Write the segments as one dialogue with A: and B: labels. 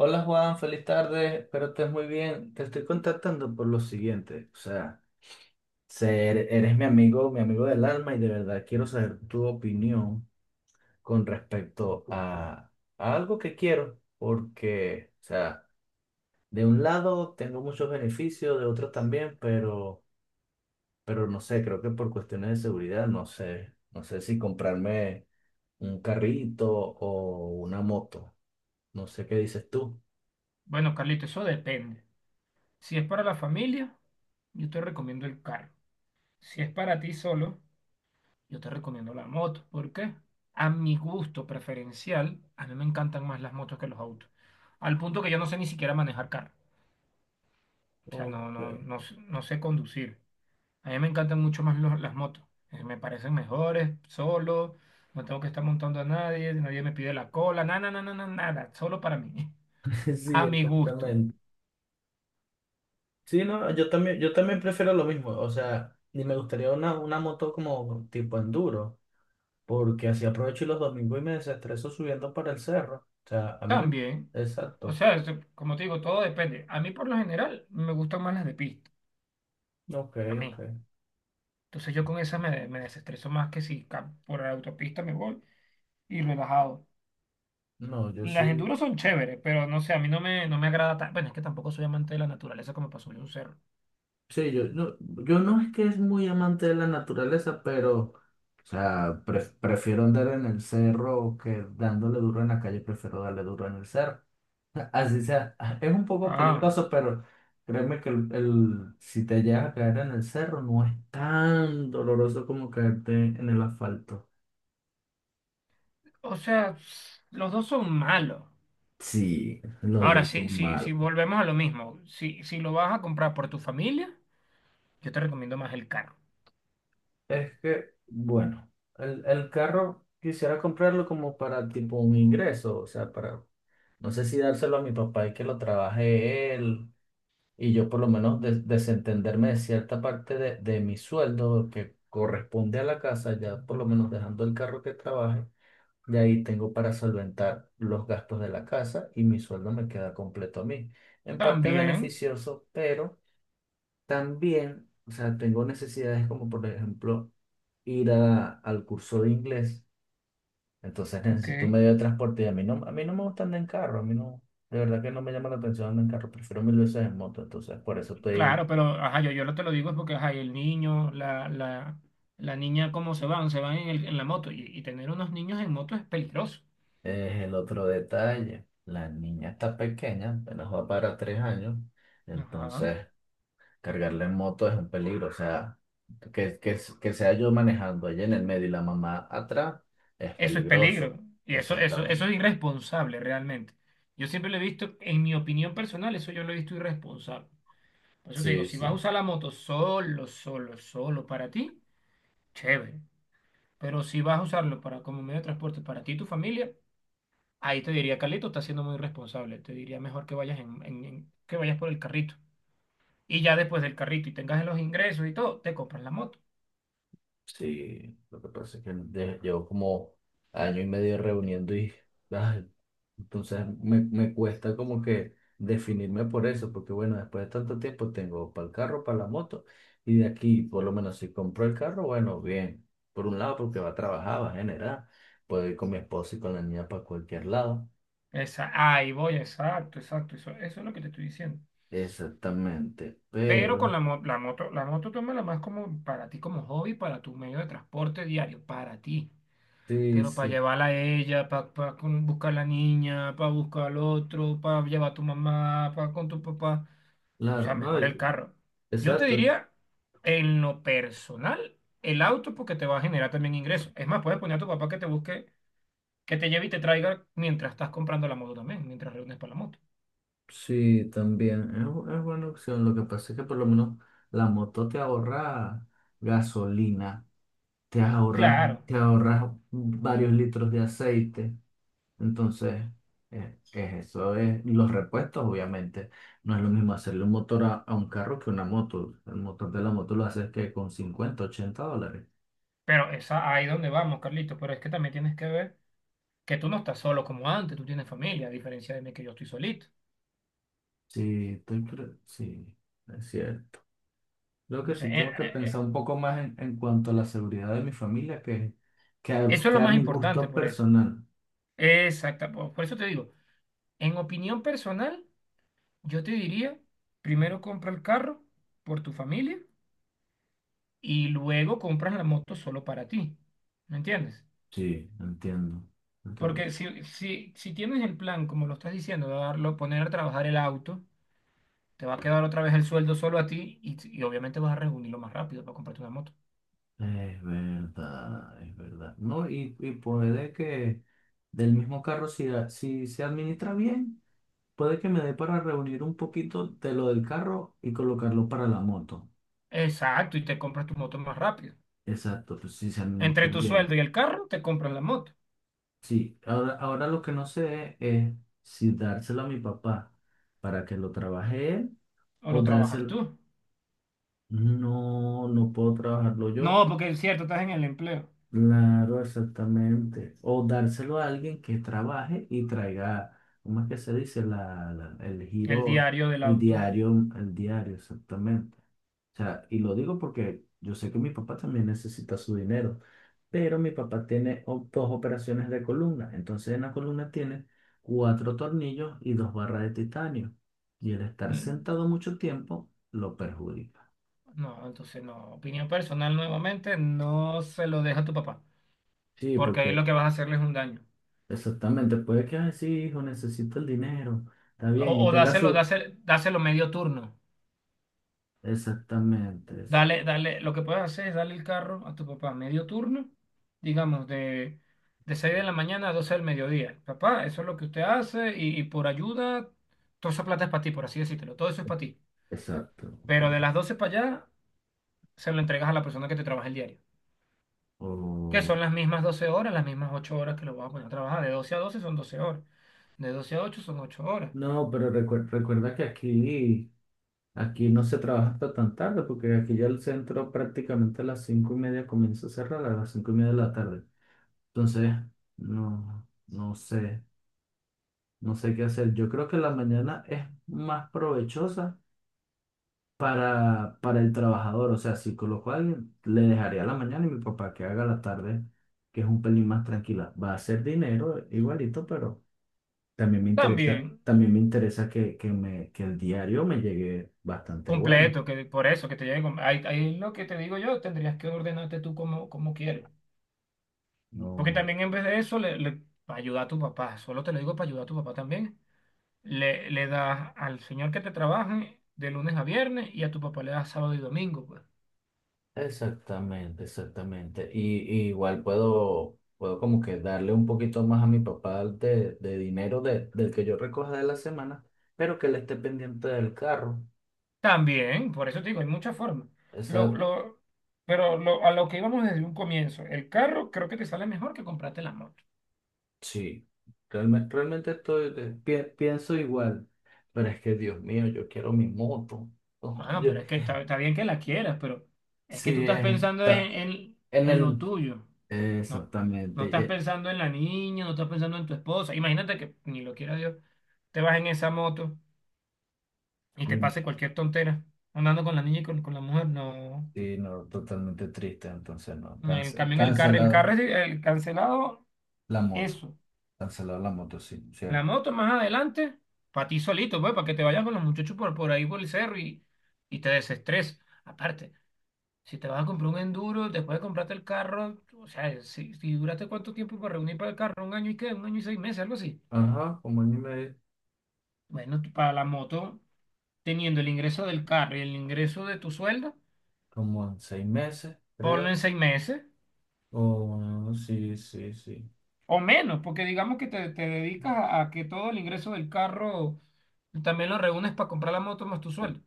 A: Hola Juan, feliz tarde, espero estés muy bien. Te estoy contactando por lo siguiente, o sea, eres mi amigo del alma y de verdad quiero saber tu opinión con respecto a algo que quiero, porque, o sea, de un lado tengo muchos beneficios, de otro también, pero no sé, creo que por cuestiones de seguridad, no sé, no sé si comprarme un carrito o una moto, no sé qué dices tú.
B: Bueno, Carlito, eso depende. Si es para la familia, yo te recomiendo el carro. Si es para ti solo, yo te recomiendo la moto. ¿Por qué? A mi gusto preferencial, a mí me encantan más las motos que los autos. Al punto que yo no sé ni siquiera manejar carro. O sea,
A: Ok,
B: no sé conducir. A mí me encantan mucho más las motos. Me parecen mejores, solo. No tengo que estar montando a nadie, nadie me pide la cola, nada, nada, nada, nada, solo para mí.
A: sí,
B: A mi gusto.
A: exactamente. Sí, no, yo también prefiero lo mismo. O sea, ni me gustaría una moto como tipo enduro, porque así aprovecho los domingos y me desestreso subiendo para el cerro. O sea, a mí me...
B: También, o
A: Exacto.
B: sea, como te digo, todo depende. A mí por lo general me gustan más las de pista,
A: Ok,
B: a
A: ok.
B: mí. Entonces yo con esas me desestreso más que si por la autopista me voy y relajado.
A: No, yo
B: Las
A: sí.
B: enduros son chéveres, pero no sé, a mí no me, no me agrada tanto. Bueno, es que tampoco soy amante de la naturaleza como para subir un cerro.
A: Sí, yo no es que es muy amante de la naturaleza, pero, o sea, prefiero andar en el cerro que dándole duro en la calle, prefiero darle duro en el cerro. Así sea, es un poco
B: Ah,
A: peligroso, pero créeme que si te llegas a caer en el cerro no es tan doloroso como caerte en el asfalto.
B: o sea, los dos son malos.
A: Sí, los
B: Ahora,
A: dos
B: sí,
A: son
B: sí, si
A: malos.
B: volvemos a lo mismo, si lo vas a comprar por tu familia, yo te recomiendo más el carro.
A: Es que, bueno, el carro quisiera comprarlo como para tipo un ingreso, o sea, para, no sé si dárselo a mi papá y que lo trabaje él, y yo por lo menos desentenderme de cierta parte de mi sueldo que corresponde a la casa, ya por lo menos dejando el carro que trabaje. De ahí tengo para solventar los gastos de la casa y mi sueldo me queda completo a mí. En parte
B: También,
A: beneficioso, pero también, o sea, tengo necesidades como por ejemplo ir al curso de inglés. Entonces
B: ok.
A: necesito un medio de transporte y a mí no me gusta andar en carro, a mí no, de verdad que no me llama la atención andar en carro, prefiero mil veces en moto. Entonces por eso estoy,
B: Claro, pero ajá, yo lo te lo digo es porque ajá, y el niño, la niña, ¿cómo se van? Se van en, en la moto. Y tener unos niños en moto es peligroso.
A: es el otro detalle. La niña está pequeña, apenas va para 3 años.
B: Ajá.
A: Entonces... Cargarla en moto es un peligro, o sea, que sea yo manejando allá en el medio y la mamá atrás es
B: Eso es
A: peligroso.
B: peligro. Y eso
A: Exactamente.
B: es irresponsable realmente. Yo siempre lo he visto, en mi opinión personal, eso yo lo he visto irresponsable. Por eso te digo,
A: Sí,
B: si vas a
A: sí.
B: usar la moto solo, solo, solo para ti, chévere. Pero si vas a usarlo para, como medio de transporte para ti y tu familia, ahí te diría, Carlito, estás siendo muy irresponsable. Te diría mejor que vayas que vayas por el carrito. Y ya después del carrito y tengas los ingresos y todo, te compras la moto.
A: Sí, lo que pasa es que llevo como 1 año y medio reuniendo y ay, entonces me cuesta como que definirme por eso, porque bueno, después de tanto tiempo tengo para el carro, para la moto y de aquí, por lo menos si compro el carro, bueno, bien, por un lado porque va a trabajar, va a generar, puedo ir con mi esposa y con la niña para cualquier lado,
B: Esa, ahí voy, exacto, exacto, eso es lo que te estoy diciendo.
A: exactamente,
B: Pero con
A: pero
B: la moto tómala más como para ti como hobby, para tu medio de transporte diario, para ti.
A: sí,
B: Pero para
A: sí,
B: llevarla a ella, para buscar a la niña, para buscar al otro, para llevar a tu mamá, para con tu papá. O
A: claro,
B: sea,
A: no,
B: mejor el carro. Yo te
A: exacto.
B: diría, en lo personal, el auto porque te va a generar también ingresos. Es más, puedes poner a tu papá que te busque, que te lleve y te traiga mientras estás comprando la moto también, mientras reúnes para la moto.
A: Sí, también. Es buena opción. Lo que pasa es que por lo menos la moto te ahorra gasolina, te ahorras,
B: Claro,
A: te ahorras varios litros de aceite. Entonces, eso es los repuestos, obviamente. No es lo mismo hacerle un motor a un carro que una moto. El motor de la moto lo haces que con $50 $80.
B: pero esa ahí donde vamos, Carlito, pero es que también tienes que ver que tú no estás solo como antes, tú tienes familia, a diferencia de mí que yo estoy solito.
A: Sí, sí, es cierto. Creo que
B: Entonces,
A: sí tengo que pensar un poco más en cuanto a la seguridad de mi familia que,
B: eso es
A: que
B: lo
A: a
B: más
A: mi
B: importante
A: gusto
B: por eso.
A: personal.
B: Exacto, por eso te digo, en opinión personal, yo te diría, primero compra el carro por tu familia y luego compras la moto solo para ti. ¿Me entiendes?
A: Sí, entiendo. Entiendo.
B: Porque si tienes el plan, como lo estás diciendo, de darlo, poner a trabajar el auto, te va a quedar otra vez el sueldo solo a ti y obviamente vas a reunirlo más rápido para comprarte una moto.
A: Es verdad, es verdad. No, y puede que del mismo carro, si se administra bien, puede que me dé para reunir un poquito de lo del carro y colocarlo para la moto.
B: Exacto, y te compras tu moto más rápido.
A: Exacto, pues si se
B: Entre
A: administra
B: tu
A: bien.
B: sueldo y el carro, te compras la moto
A: Sí, ahora lo que no sé es si dárselo a mi papá para que lo trabaje él
B: o
A: o
B: lo trabajas
A: dárselo.
B: tú.
A: No, no puedo trabajarlo yo.
B: No, porque es cierto, estás en el empleo,
A: Claro, exactamente. O dárselo a alguien que trabaje y traiga, ¿cómo es que se dice? El
B: el
A: giro,
B: diario del
A: el
B: auto.
A: diario, el diario, exactamente. O sea, y lo digo porque yo sé que mi papá también necesita su dinero, pero mi papá tiene dos operaciones de columna. Entonces en la columna tiene 4 tornillos y dos barras de titanio. Y el estar
B: Mm.
A: sentado mucho tiempo lo perjudica.
B: No, entonces no. Opinión personal nuevamente, no se lo deja a tu papá,
A: Sí,
B: porque ahí
A: porque...
B: lo que vas a hacerle es un daño.
A: Exactamente, puede que, ay, sí, hijo, necesito el dinero, está bien, y
B: O
A: tenga
B: dáselo,
A: su...
B: dáselo, dáselo medio turno.
A: Exactamente,
B: Dale, dale, lo que puedes hacer es darle el carro a tu papá medio turno, digamos, de 6 de la mañana a 12 del mediodía. Papá, eso es lo que usted hace y por ayuda, toda esa plata es para ti, por así decírtelo, todo eso es para ti.
A: exacto.
B: Pero
A: Ok.
B: de las 12 para allá, se lo entregas a la persona que te trabaja el diario, que
A: O-
B: son las mismas 12 horas, las mismas 8 horas que lo vas a poner a trabajar. De 12 a 12 son 12 horas, de 12 a ocho son 8 horas.
A: No, pero recuerda que aquí, no se trabaja hasta tan tarde, porque aquí ya el centro prácticamente a las 5 y media comienza a cerrar, a las 5:30 de la tarde. Entonces, no, no sé, no sé qué hacer. Yo creo que la mañana es más provechosa para el trabajador. O sea, si coloco a alguien, le dejaría la mañana y mi papá que haga la tarde, que es un pelín más tranquila. Va a ser dinero igualito, pero también me interesa,
B: También
A: que el diario me llegue bastante bueno.
B: completo, que por eso, que te lleguen, ahí, ahí es lo que te digo yo, tendrías que ordenarte tú como, como quieres. Porque
A: No.
B: también en vez de eso, para ayudar a tu papá, solo te lo digo para ayudar a tu papá también, le das al señor que te trabaje de lunes a viernes y a tu papá le das sábado y domingo, pues.
A: Exactamente, exactamente. Y igual puedo como que darle un poquito más a mi papá de dinero del que yo recoja de la semana, pero que él esté pendiente del carro.
B: También, por eso te digo, hay muchas formas. Lo,
A: Esa
B: lo, pero lo, a lo que íbamos desde un comienzo, el carro creo que te sale mejor que comprarte la moto.
A: Sí, realmente estoy, pienso igual, pero es que Dios mío, yo quiero mi moto. Oh,
B: Bueno, pero es que está bien que la quieras, pero es que tú
A: sí,
B: estás pensando
A: está en
B: en lo
A: el...
B: tuyo. No,
A: Exactamente.
B: no estás pensando en la niña, no estás pensando en tu esposa. Imagínate que, ni lo quiera Dios, te vas en esa moto y te
A: Y-
B: pase cualquier tontera andando con la niña y con la mujer. No.
A: sí, no, totalmente triste, entonces no,
B: En cambio, en el carro es el cancelado,
A: la moto,
B: eso.
A: cancelado la moto, sí,
B: La
A: cierto.
B: moto más adelante, para ti solito, pues, para que te vayas con los muchachos por ahí por el cerro y te desestreses. Aparte. Si te vas a comprar un enduro, después de comprarte el carro, o sea, si duraste cuánto tiempo para reunir para el carro, un año y qué, un año y seis meses, algo así.
A: Ajá, como en,
B: Bueno, tú para la moto, teniendo el ingreso del carro y el ingreso de tu sueldo,
A: como en 6 meses,
B: ponlo
A: creo.
B: en seis meses
A: O sí, sí, sí.
B: o menos, porque digamos que te dedicas a que todo el ingreso del carro también lo reúnes para comprar la moto más tu sueldo.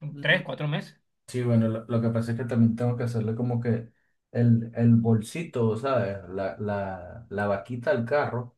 B: En tres, cuatro meses.
A: Sí, bueno, lo que pasa es que también tengo que hacerle como que el bolsito, ¿sabes? La vaquita al carro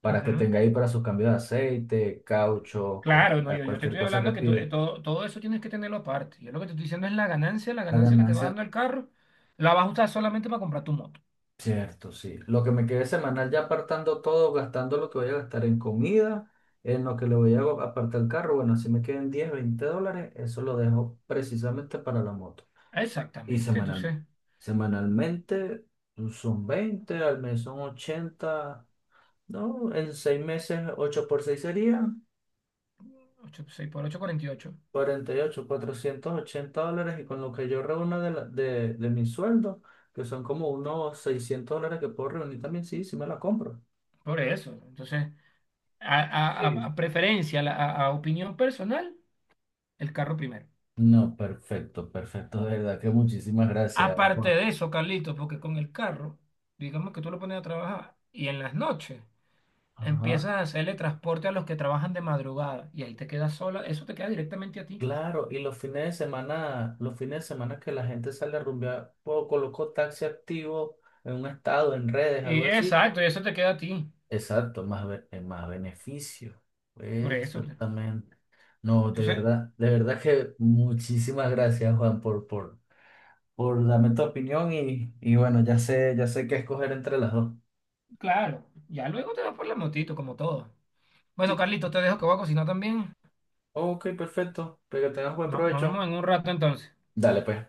A: para
B: Ujú.
A: que tenga ahí para su cambio de aceite, caucho,
B: Claro, no,
A: correa,
B: yo te
A: cualquier
B: estoy
A: cosa que
B: hablando que
A: pide.
B: todo, todo eso tienes que tenerlo aparte. Yo lo que te estoy diciendo es la
A: La
B: ganancia que te va
A: ganancia,
B: dando el carro, la vas a usar solamente para comprar tu moto.
A: cierto, sí. Lo que me quede semanal ya apartando todo, gastando lo que voy a gastar en comida, en lo que le voy a apartar el carro, bueno, si me quedan $10 $20, eso lo dejo precisamente para la moto. Y
B: Exactamente,
A: semanal,
B: entonces,
A: semanalmente pues, son 20 al mes son 80, ¿no? En 6 meses, 8 por 6 serían
B: ocho seis por ocho cuarenta y ocho.
A: 48, $480. Y con lo que yo reúno de mi sueldo, que son como unos $600 que puedo reunir también, sí, sí me la compro.
B: Por eso, entonces,
A: Sí.
B: a preferencia, a opinión personal, el carro primero.
A: No, perfecto, perfecto, de verdad que muchísimas gracias,
B: Aparte
A: Juan.
B: de eso, Carlitos, porque con el carro, digamos que tú lo pones a trabajar y en las noches empiezas
A: Ajá.
B: a hacerle transporte a los que trabajan de madrugada y ahí te quedas sola, eso te queda directamente a ti.
A: Claro, y los fines de semana, los fines de semana que la gente sale a rumbear, o colocó taxi activo en un estado, en redes, algo así.
B: Exacto, y eso te queda a ti.
A: Exacto, más beneficio.
B: Por eso.
A: Exactamente. No,
B: Entonces,
A: de verdad que muchísimas gracias, Juan, por darme tu opinión y bueno, ya sé qué escoger entre las dos.
B: claro, ya luego te vas por la motito, como todo. Bueno,
A: Sí.
B: Carlito, te dejo que voy a cocinar también.
A: Ok, perfecto. Pero que tengas buen
B: No, nos
A: provecho.
B: vemos en un rato entonces.
A: Dale, pues.